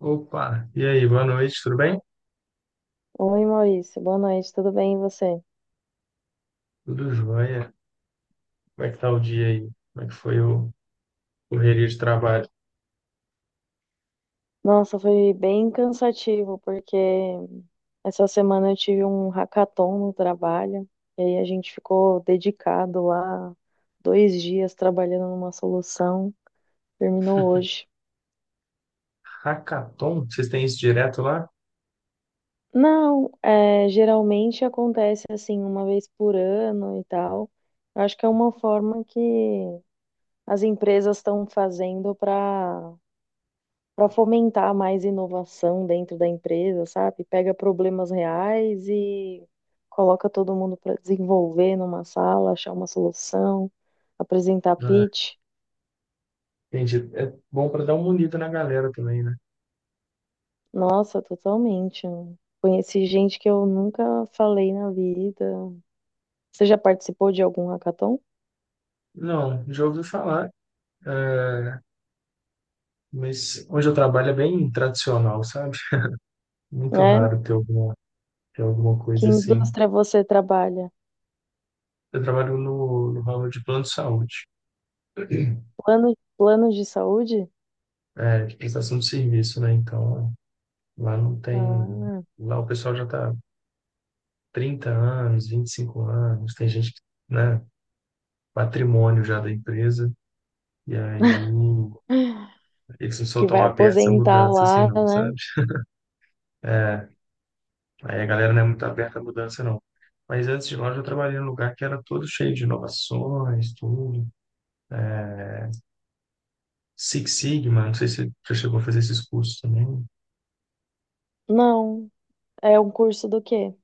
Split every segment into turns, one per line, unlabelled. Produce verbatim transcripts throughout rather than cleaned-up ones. Opa, e aí, boa noite, tudo bem?
Oi, Maurício. Boa noite, tudo bem e você?
Tudo jóia. Como é que tá o dia aí? Como é que foi o correria de trabalho?
Nossa, foi bem cansativo, porque essa semana eu tive um hackathon no trabalho, e aí a gente ficou dedicado lá dois dias trabalhando numa solução. Terminou hoje.
Hackathon? Vocês têm isso direto lá?
Não, é, geralmente acontece assim, uma vez por ano e tal. Eu acho que é uma forma que as empresas estão fazendo para para fomentar mais inovação dentro da empresa, sabe? Pega problemas reais e coloca todo mundo para desenvolver numa sala, achar uma solução, apresentar
Ah,
pitch.
entendi. É bom para dar uma unida na galera também, né?
Nossa, totalmente, né? Conheci gente que eu nunca falei na vida. Você já participou de algum hackathon,
Não, já ouvi falar, é, mas onde eu trabalho é bem tradicional, sabe? Muito
né?
raro ter alguma, ter alguma
Que
coisa assim.
indústria você trabalha?
Eu trabalho no, no ramo de plano de saúde,
Plano, plano de saúde?
é, de prestação de serviço, né? Então, lá não tem.
Ah,
Lá o pessoal já está trinta anos, vinte e cinco anos, tem gente que, né, patrimônio já da empresa, e aí eles não são
que
tão
vai
abertos à
aposentar
mudança assim,
lá,
não,
né?
sabe? Aí a galera não é muito aberta à mudança, não. Mas antes de lá, eu já trabalhei num lugar que era todo cheio de inovações, tudo. Six Sigma, não sei se você já chegou a fazer esses cursos também.
Não. É um curso do quê?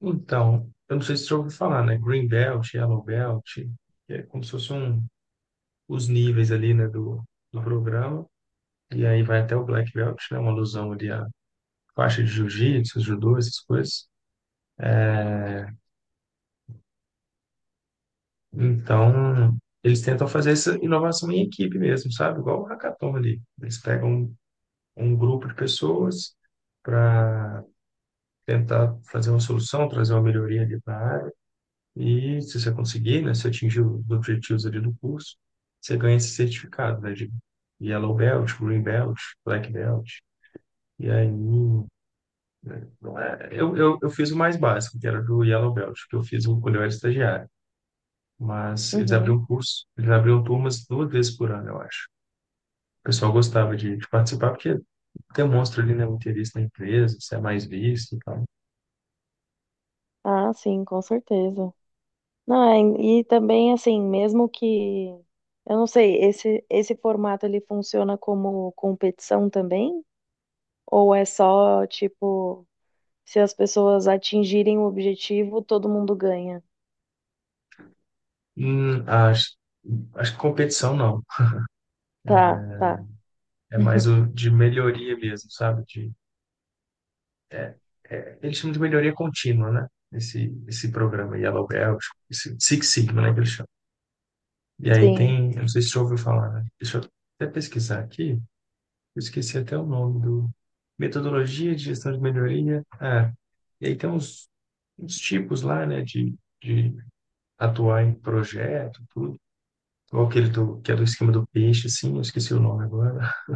Então, eu não sei se você já ouviu falar, né? Green Belt, Yellow Belt, que é como se fossem um, os níveis ali, né, do, do programa. E aí vai até o Black Belt, né? Uma alusão ali a faixa de jiu-jitsu, judô, essas coisas. Então, eles tentam fazer essa inovação em equipe mesmo, sabe? Igual o hackathon ali. Eles pegam um, um grupo de pessoas para tentar fazer uma solução, trazer uma melhoria ali para a área. E se você conseguir, né, se atingir os objetivos ali do curso, você ganha esse certificado, né, de Yellow Belt, Green Belt, Black Belt. E aí, né, não é, eu, eu, eu fiz o mais básico, que era do Yellow Belt, que eu fiz quando eu era estagiário. Mas eles
Uhum.
abriam curso, eles abriam turmas duas vezes por ano, eu acho. O pessoal gostava de, de participar porque demonstra ali, né, o interesse na empresa, se é mais visto e tal.
Ah, sim, com certeza. Não, é, e também assim, mesmo que eu não sei, esse esse formato ele funciona como competição também? Ou é só tipo, se as pessoas atingirem o objetivo, todo mundo ganha?
Hum, acho, acho que competição não,
Tá, tá.
é mais o de melhoria mesmo, sabe? De, é, é, Eles chamam de melhoria contínua, né? Esse, esse programa Yellow Belt, esse Six Sigma, né, que eles chamam. E aí
Sim.
tem, eu não sei se você já ouviu falar, né? Deixa eu até pesquisar aqui. Eu esqueci até o nome do. Metodologia de gestão de melhoria. Ah, e aí tem uns, uns tipos lá, né, de, de atuar em projeto, tudo. Ou aquele do, que é do esquema do peixe, assim, eu esqueci o nome agora.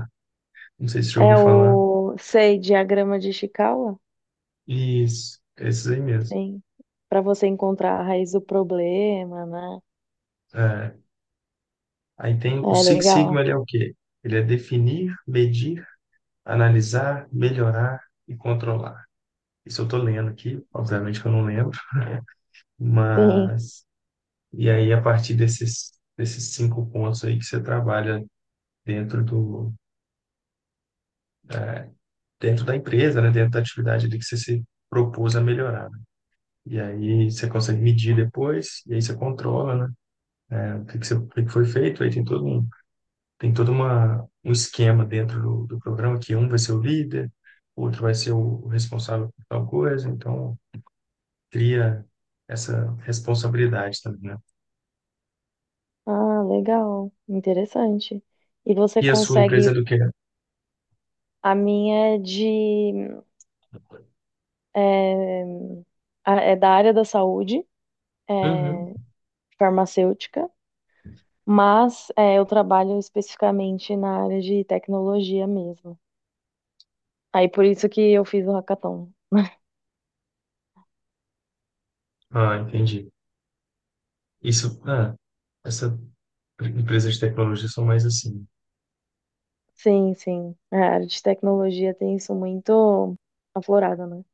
Não sei se já ouviu
É
falar.
o, sei, diagrama de Ishikawa?
Isso, esses aí mesmo.
Sim. Para você encontrar a raiz do problema, né?
É, aí tem o
É
Six Sigma,
legal.
ele é o quê? Ele é definir, medir, analisar, melhorar e controlar. Isso eu tô lendo aqui, obviamente que eu não lembro,
Sim.
mas e aí, a partir desses, desses cinco pontos aí que você trabalha dentro do, é, dentro da empresa, né? Dentro da atividade ali que você se propôs a melhorar, né? E aí, você consegue medir depois, e aí você controla, né? É, o que que você- o que foi feito, aí tem todo um, tem todo uma, um esquema dentro do, do programa, que um vai ser o líder, outro vai ser o responsável por tal coisa, então cria essa responsabilidade também, né?
Ah, legal. Interessante. E você
E a sua empresa
consegue.
é do que?
A minha é de, é, a- é da área da saúde,
Uhum.
é, farmacêutica, mas é, eu trabalho especificamente na área de tecnologia mesmo. Aí por isso que eu fiz o hackathon.
Ah, entendi. Isso, ah, essas empresas de tecnologia são mais assim.
Sim, sim. A área de tecnologia tem isso muito aflorado, né?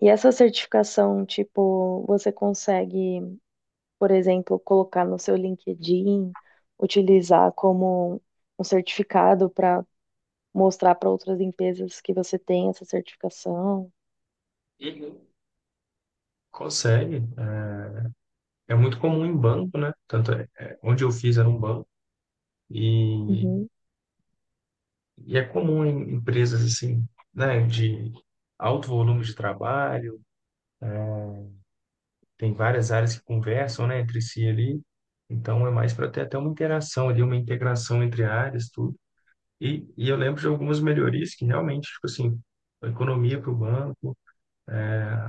E essa certificação, tipo, você consegue, por exemplo, colocar no seu LinkedIn, utilizar como um certificado para mostrar para outras empresas que você tem essa certificação.
Uhum. Consegue. É, é muito comum em banco, né? Tanto é, é, onde eu fiz era um banco e,
Uhum.
e é comum em empresas assim, né? De alto volume de trabalho, tem várias áreas que conversam, né, entre si ali. Então é mais para ter até uma interação ali, uma integração entre áreas, tudo. E, e eu lembro de algumas melhorias que realmente, tipo assim, a economia para o banco,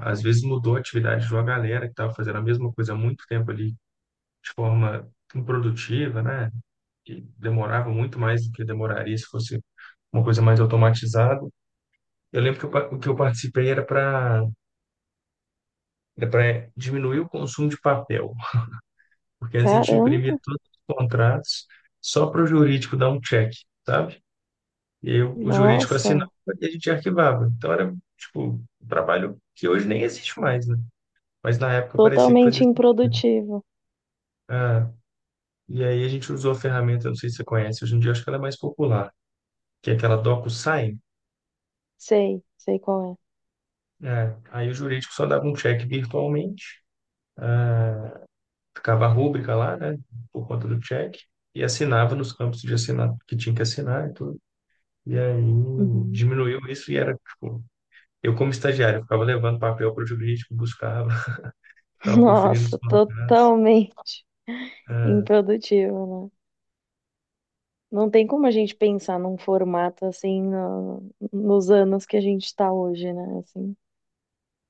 às vezes mudou a atividade de uma galera que estava fazendo a mesma coisa há muito tempo ali, de forma improdutiva, né? Que demorava muito mais do que demoraria se fosse uma coisa mais automatizada. Eu lembro que eu, pa- o que eu participei era para era para diminuir o consumo de papel, porque antes a gente imprimia
Caramba,
todos os contratos só para o jurídico dar um check, sabe? E aí o o jurídico
nossa,
assinava e a gente arquivava. Então era, tipo, um trabalho que hoje nem existe mais, né? Mas na época parecia que fazia
totalmente
sentido.
improdutivo.
Ah, E aí a gente usou a ferramenta, não sei se você conhece, hoje em dia acho que ela é mais popular, que é aquela DocuSign.
Sei, sei qual é.
É, aí o jurídico só dava um check virtualmente, ah, ficava a rúbrica lá, né, por conta do check, e assinava nos campos de assinar que tinha que assinar e tudo. E aí
Uhum.
diminuiu isso e era, tipo, eu como estagiário, eu ficava levando papel para o jurídico, buscava, ficava conferindo os
Nossa,
contratos.
totalmente
Ah,
improdutivo, né? Não tem como a gente pensar num formato assim no- nos anos que a gente está hoje, né? Assim,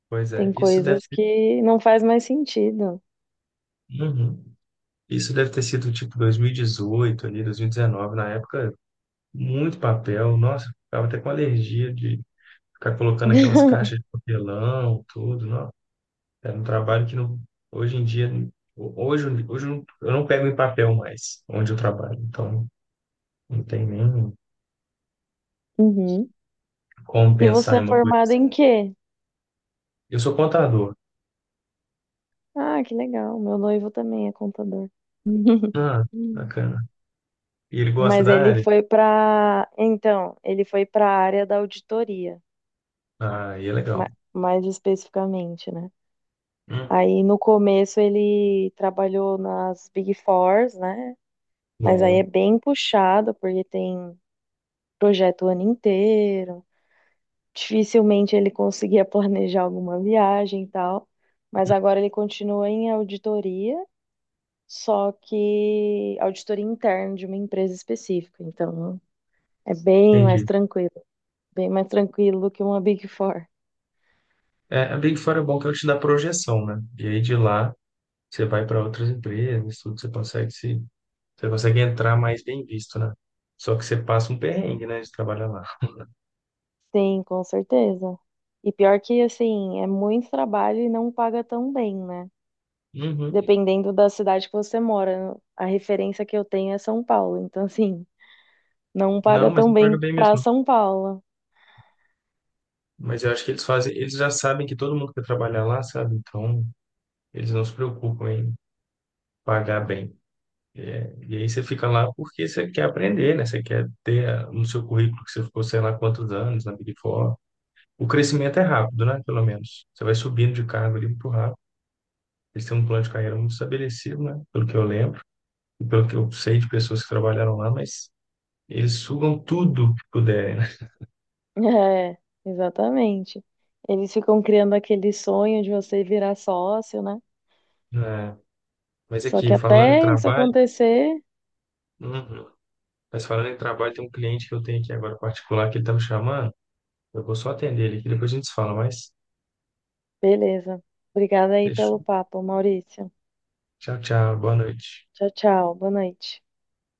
Pois é,
tem
isso deve
coisas
ter,
que não faz mais sentido.
uhum, isso deve ter sido tipo dois mil e dezoito ali, dois mil e dezenove, na época. Muito papel, nossa, eu ficava até com alergia de ficar colocando aquelas caixas de papelão, tudo, não. Era um trabalho que não, hoje em dia, hoje, hoje eu não eu não pego em papel mais, onde eu trabalho, então não tem nem
Uhum.
como
E
pensar
você
em
é
uma coisa
formada
assim.
em quê?
Eu sou contador.
Ah, que legal. Meu noivo também é contador.
Ah, bacana. E ele gosta
Mas
da
ele
área?
foi para, então, ele foi para a área da auditoria,
Ah, e é legal.
ma- mais especificamente, né?
Uhum.
Aí no começo ele trabalhou nas Big Fours, né? Mas aí é
Bom,
bem puxado porque tem projeto o ano inteiro. Dificilmente ele conseguia planejar alguma viagem e tal. Mas agora ele continua em auditoria, só que auditoria interna de uma empresa específica. Então, é bem mais
entendi.
tranquilo, bem mais tranquilo do que uma Big Four.
É, a Big Four é bom que ela te dá projeção, né? E aí de lá você vai para outras empresas, tudo, você consegue se você consegue entrar mais bem visto, né? Só que você passa um perrengue, né, de trabalhar lá.
Sim, com certeza. E pior que, assim, é muito trabalho e não paga tão bem, né?
Uhum.
Dependendo da cidade que você mora. A referência que eu tenho é São Paulo. Então, assim, não paga
Não, mas
tão
não paga
bem
bem
pra
mesmo, não.
São Paulo.
Mas eu acho que eles fazem, eles já sabem que todo mundo quer trabalhar lá, sabe? Então, eles não se preocupam em pagar bem. É, e aí você fica lá porque você quer aprender, né? Você quer ter, ah, no seu currículo, que você ficou, sei lá, quantos anos na Big Four. O crescimento é rápido, né? Pelo menos. Você vai subindo de cargo ali muito rápido. Eles têm um plano de carreira muito estabelecido, né? Pelo que eu lembro e pelo que eu sei de pessoas que trabalharam lá, mas eles sugam tudo que puderem, né?
É, exatamente. Eles ficam criando aquele sonho de você virar sócio, né?
É, mas
Só
aqui,
que
falando em
até isso
trabalho,
acontecer.
uhum, mas falando em trabalho, tem um cliente que eu tenho aqui agora particular que ele tá me chamando. Eu vou só atender ele aqui, depois a gente se fala, mas
Beleza. Obrigada aí pelo
fechou.
papo, Maurício.
Tchau, tchau, boa noite.
Tchau, tchau. Boa noite.